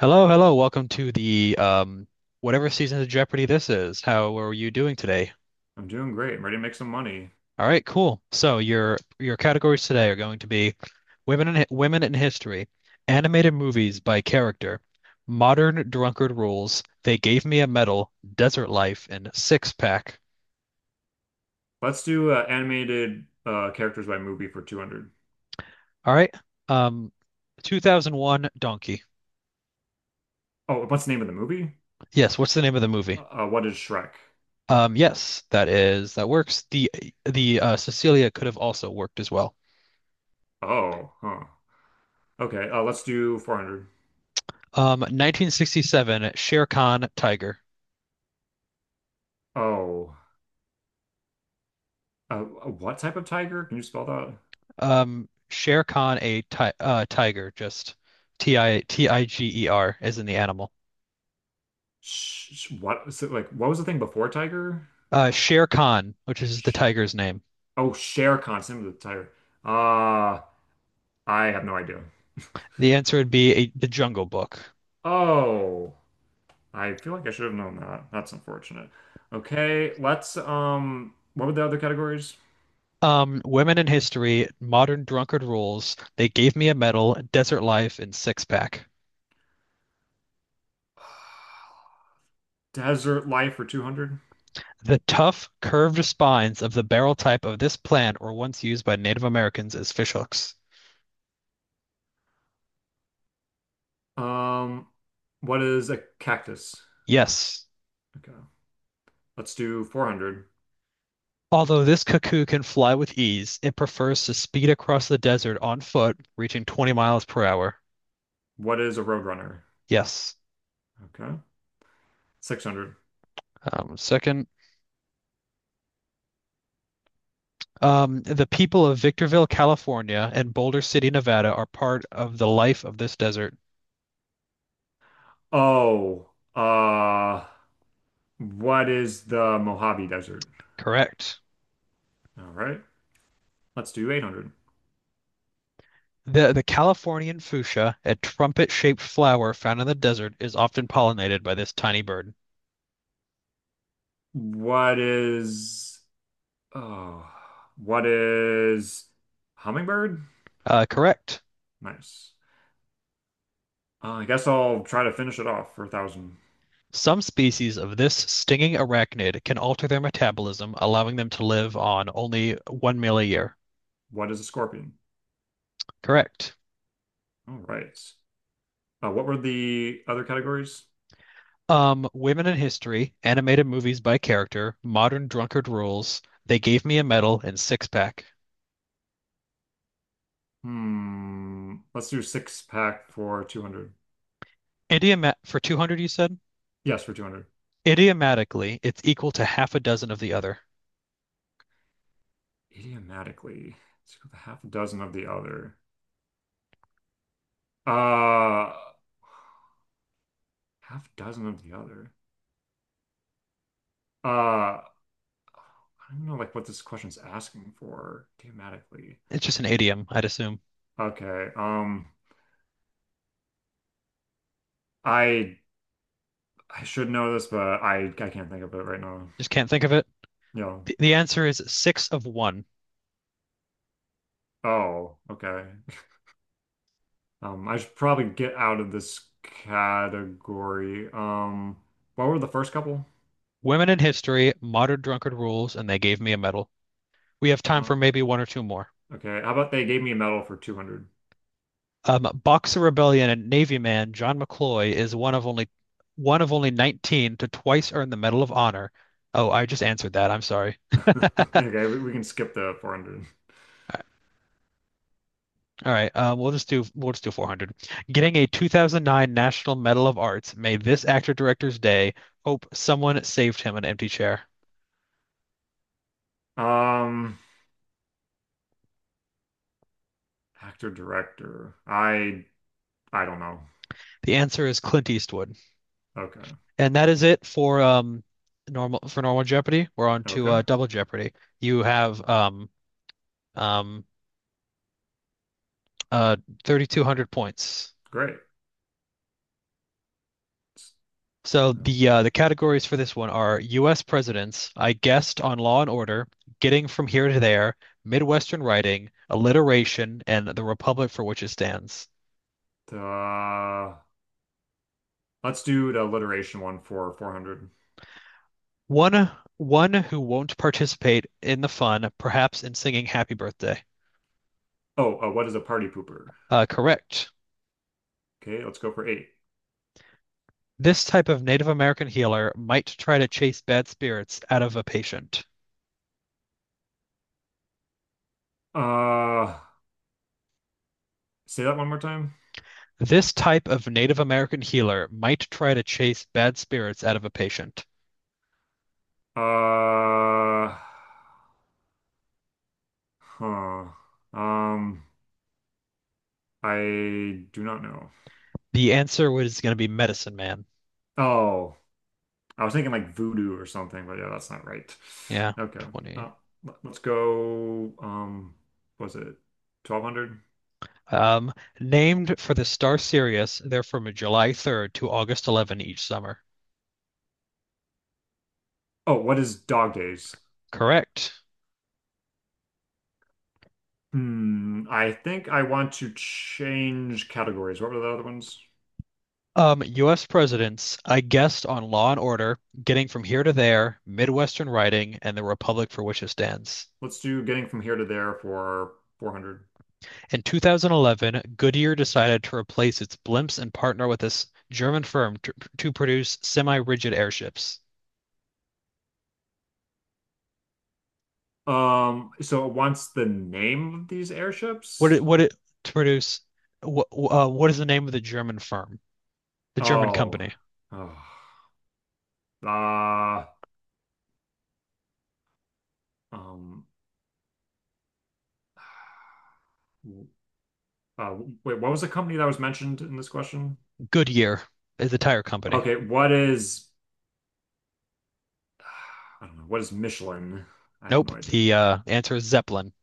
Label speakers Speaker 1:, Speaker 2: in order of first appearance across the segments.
Speaker 1: Hello, hello. Welcome to the whatever season of Jeopardy this is. How are you doing today?
Speaker 2: I'm doing great. I'm ready to make some money.
Speaker 1: All right, cool. So your categories today are going to be women in history, animated movies by character, modern drunkard rules, they gave me a medal, desert life, and six pack.
Speaker 2: Let's do animated characters by movie for 200.
Speaker 1: All right. Um, 2001 Donkey.
Speaker 2: Oh, what's the name of the movie?
Speaker 1: Yes, what's the name of the movie?
Speaker 2: What is Shrek?
Speaker 1: Yes, that works. The Cecilia could have also worked as well.
Speaker 2: Oh, huh. Okay, let's do 400.
Speaker 1: 1967, Shere Khan Tiger.
Speaker 2: Oh, what type of tiger? Can you spell that?
Speaker 1: Shere Khan a ti tiger, just T I T I G E R as in the animal.
Speaker 2: What is it like? What was the thing before tiger?
Speaker 1: Shere Khan, which is the tiger's name.
Speaker 2: Oh, Shere Khan, name of the tiger. Uh, I have no idea.
Speaker 1: The answer would be The Jungle Book.
Speaker 2: Oh, I feel like I should have known that. That's unfortunate. Okay, let's what were the other categories?
Speaker 1: Women in history, modern drunkard rules. They gave me a medal, desert life, and six pack.
Speaker 2: Desert life for 200.
Speaker 1: The tough, curved spines of the barrel type of this plant were once used by Native Americans as fishhooks.
Speaker 2: Um, what is a cactus?
Speaker 1: Yes.
Speaker 2: Okay. Let's do 400.
Speaker 1: Although this cuckoo can fly with ease, it prefers to speed across the desert on foot, reaching 20 miles per hour.
Speaker 2: What is a roadrunner?
Speaker 1: Yes.
Speaker 2: Okay. 600.
Speaker 1: Second, the people of Victorville, California, and Boulder City, Nevada, are part of the life of this desert.
Speaker 2: Oh, uh, what is the Mojave Desert?
Speaker 1: Correct.
Speaker 2: All right. Let's do 800.
Speaker 1: The Californian fuchsia, a trumpet-shaped flower found in the desert, is often pollinated by this tiny bird.
Speaker 2: What is, oh, what is hummingbird?
Speaker 1: Correct.
Speaker 2: Nice. I guess I'll try to finish it off for 1,000.
Speaker 1: Some species of this stinging arachnid can alter their metabolism, allowing them to live on only one meal a year.
Speaker 2: What is a scorpion?
Speaker 1: Correct.
Speaker 2: All right. What were the other categories?
Speaker 1: Women in history, animated movies by character, modern drunkard rules. They gave me a medal and six pack.
Speaker 2: Hmm. Let's do six pack for 200.
Speaker 1: Idioma for 200, you said?
Speaker 2: Yes, for 200.
Speaker 1: Idiomatically, it's equal to half a dozen of the other.
Speaker 2: Idiomatically. Let's go with a half dozen of the other. Uh, half dozen of the other. Uh, I don't know like what this question's asking for idiomatically.
Speaker 1: It's just an idiom, I'd assume.
Speaker 2: Okay. I I should know this, but I can't think of it right now.
Speaker 1: Just can't think of it.
Speaker 2: Yeah.
Speaker 1: The answer is six of one.
Speaker 2: Oh, okay. I should probably get out of this category. What were the first couple?
Speaker 1: Women in history, modern drunkard rules, and they gave me a medal. We have time
Speaker 2: Uh,
Speaker 1: for maybe one or two more.
Speaker 2: Okay, how about they gave me a medal for 200?
Speaker 1: Boxer Rebellion and Navy Man John McCloy is one of only 19 to twice earn the Medal of Honor. Oh, I just answered that. I'm sorry.
Speaker 2: Okay, we can skip the 400.
Speaker 1: All right, all right. We'll just do 400. Getting a 2009 National Medal of Arts made this actor director's day. Hope someone saved him an empty chair.
Speaker 2: Um, actor director. I don't know.
Speaker 1: The answer is Clint Eastwood,
Speaker 2: Okay.
Speaker 1: and that is it for normal Jeopardy. We're on to
Speaker 2: Okay.
Speaker 1: Double Jeopardy. You have um uh 3,200 points.
Speaker 2: Great.
Speaker 1: So the categories for this one are U.S. presidents, I guessed on Law and Order, Getting from Here to There, Midwestern Writing, Alliteration, and the Republic for which it stands.
Speaker 2: Uh, let's do the alliteration one for 400.
Speaker 1: One one who won't participate in the fun, perhaps in singing Happy Birthday.
Speaker 2: Oh, what is a party pooper?
Speaker 1: Correct.
Speaker 2: Okay, let's go for eight.
Speaker 1: This type of Native American healer might try to chase bad spirits out of a patient.
Speaker 2: Uh, say that one more time.
Speaker 1: This type of Native American healer might try to chase bad spirits out of a patient.
Speaker 2: Uh, huh. Um, I do not know.
Speaker 1: The answer was going to be medicine man.
Speaker 2: Oh, I was thinking like voodoo or something, but yeah, that's not right.
Speaker 1: Yeah,
Speaker 2: Okay.
Speaker 1: 20.
Speaker 2: Uh, let's go. Was it 1200?
Speaker 1: Um, Named for the star Sirius, they're from July 3rd to August 11 each summer.
Speaker 2: Oh, what is dog days?
Speaker 1: Correct.
Speaker 2: Hmm. I think I want to change categories. What were the other ones?
Speaker 1: US presidents, I guessed on Law and Order, Getting from Here to There, Midwestern Writing, and the Republic for which it stands.
Speaker 2: Let's do getting from here to there for 400.
Speaker 1: In 2011, Goodyear decided to replace its blimps and partner with this German firm to produce semi-rigid airships.
Speaker 2: So it wants the name of these airships?
Speaker 1: What it to produce? What is the name of the German firm? The German
Speaker 2: Oh.
Speaker 1: company.
Speaker 2: Oh. Uh, um, uh, wait, what was the company that was mentioned in this question?
Speaker 1: Goodyear is a tire company.
Speaker 2: Okay, what is I don't know, what is Michelin? I have no
Speaker 1: Nope.
Speaker 2: idea.
Speaker 1: The answer is Zeppelin,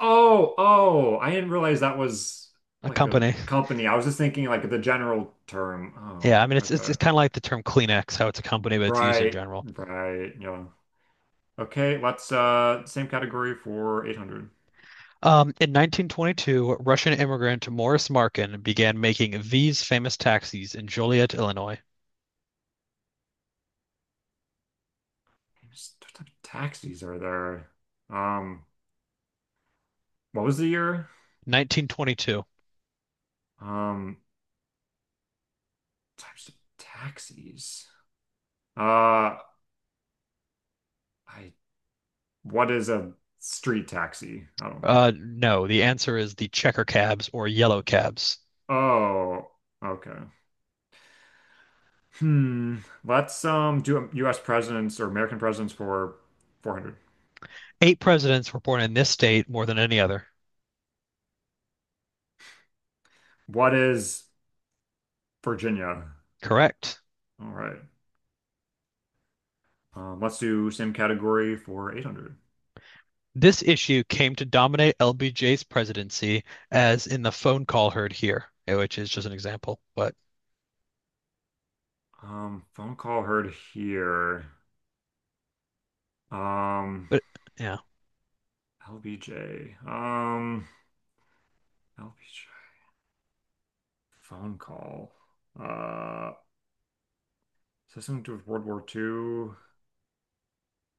Speaker 2: Oh, oh, I didn't realize that was
Speaker 1: a
Speaker 2: like a
Speaker 1: company.
Speaker 2: company. I was just thinking like the general term.
Speaker 1: Yeah, I mean
Speaker 2: Oh,
Speaker 1: it's
Speaker 2: okay.
Speaker 1: kind of like the term Kleenex, how it's a company, but it's used in
Speaker 2: Right,
Speaker 1: general.
Speaker 2: right, yeah. Okay, let's same category for 800.
Speaker 1: In 1922, Russian immigrant Morris Markin began making these famous taxis in Joliet, Illinois.
Speaker 2: What type of taxis are there? Um, what was the year?
Speaker 1: 1922.
Speaker 2: Um, types of taxis. Uh, I what is a street taxi? I don't.
Speaker 1: No, the answer is the checker cabs or yellow cabs.
Speaker 2: Oh, okay. Hmm. Let's do U.S. presidents or American presidents for 400.
Speaker 1: Eight presidents were born in this state more than any other.
Speaker 2: What is Virginia?
Speaker 1: Correct.
Speaker 2: All right. Let's do same category for 800.
Speaker 1: This issue came to dominate LBJ's presidency, as in the phone call heard here, which is just an example. But,
Speaker 2: Phone call heard here. Um,
Speaker 1: but yeah,
Speaker 2: LBJ. LBJ. Phone call. Uh, is this something to do with World War Two?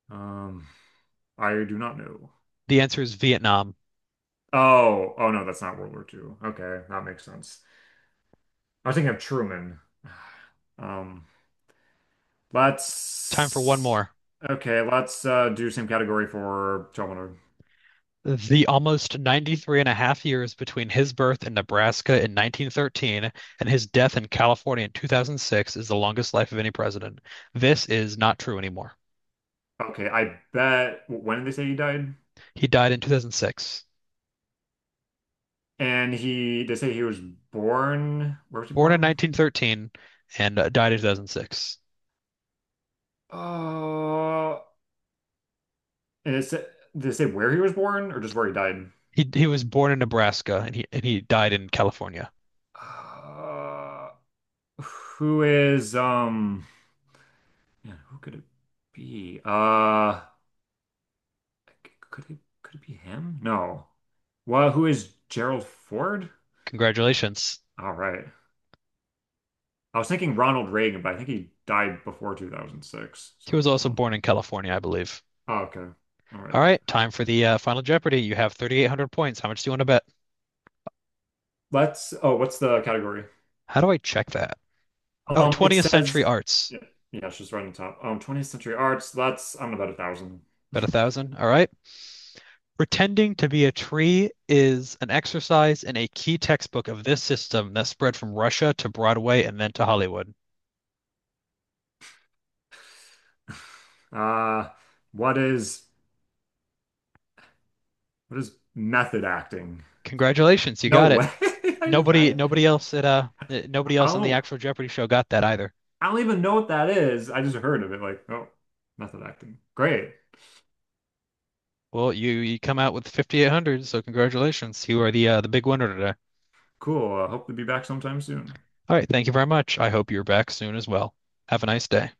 Speaker 2: Um, I do not know.
Speaker 1: the answer is Vietnam.
Speaker 2: Oh, oh no, that's not World War Two. Okay, that makes sense. I was thinking of Truman. Um,
Speaker 1: Time for one
Speaker 2: let's
Speaker 1: more.
Speaker 2: okay, let's do same category for Terminator.
Speaker 1: The almost 93 and a half years between his birth in Nebraska in 1913 and his death in California in 2006 is the longest life of any president. This is not true anymore.
Speaker 2: Okay, I bet when did they say he died?
Speaker 1: He died in 2006,
Speaker 2: And he they say he was born. Where was he
Speaker 1: born in
Speaker 2: born?
Speaker 1: 1913, and died in 2006.
Speaker 2: Uh, and it said did they say where he was born or just where he died?
Speaker 1: He was born in Nebraska and he died in California.
Speaker 2: Uh, who is um? Yeah, who could it be? Could it be him? No. Well, who is Gerald Ford?
Speaker 1: Congratulations.
Speaker 2: All right. I was thinking Ronald Reagan, but I think he died before 2006. So,
Speaker 1: He was also
Speaker 2: oh,
Speaker 1: born in California, I believe.
Speaker 2: oh, okay. All
Speaker 1: All
Speaker 2: right.
Speaker 1: right, time for the Final Jeopardy. You have 3,800 points. How much do you want to bet?
Speaker 2: Oh, what's the category?
Speaker 1: How do I check that? Oh,
Speaker 2: Um, it
Speaker 1: 20th Century
Speaker 2: says,
Speaker 1: Arts.
Speaker 2: yeah, yeah, it's just right on top. 20th century arts. That's, I'm about 1,000.
Speaker 1: Bet a thousand. All right. Pretending to be a tree is an exercise in a key textbook of this system that spread from Russia to Broadway and then to Hollywood.
Speaker 2: Uh, what is, what is method acting?
Speaker 1: Congratulations, you
Speaker 2: No
Speaker 1: got it.
Speaker 2: way.
Speaker 1: Nobody, nobody else at uh, nobody
Speaker 2: I
Speaker 1: else
Speaker 2: don't
Speaker 1: on the
Speaker 2: know.
Speaker 1: actual Jeopardy show got that either.
Speaker 2: I don't even know what that is. I just heard of it. Like, oh, method acting. Great.
Speaker 1: Well, you come out with 5,800, so congratulations. You are the big winner today.
Speaker 2: Cool. I hope to be back sometime soon.
Speaker 1: All right, thank you very much. I hope you're back soon as well. Have a nice day.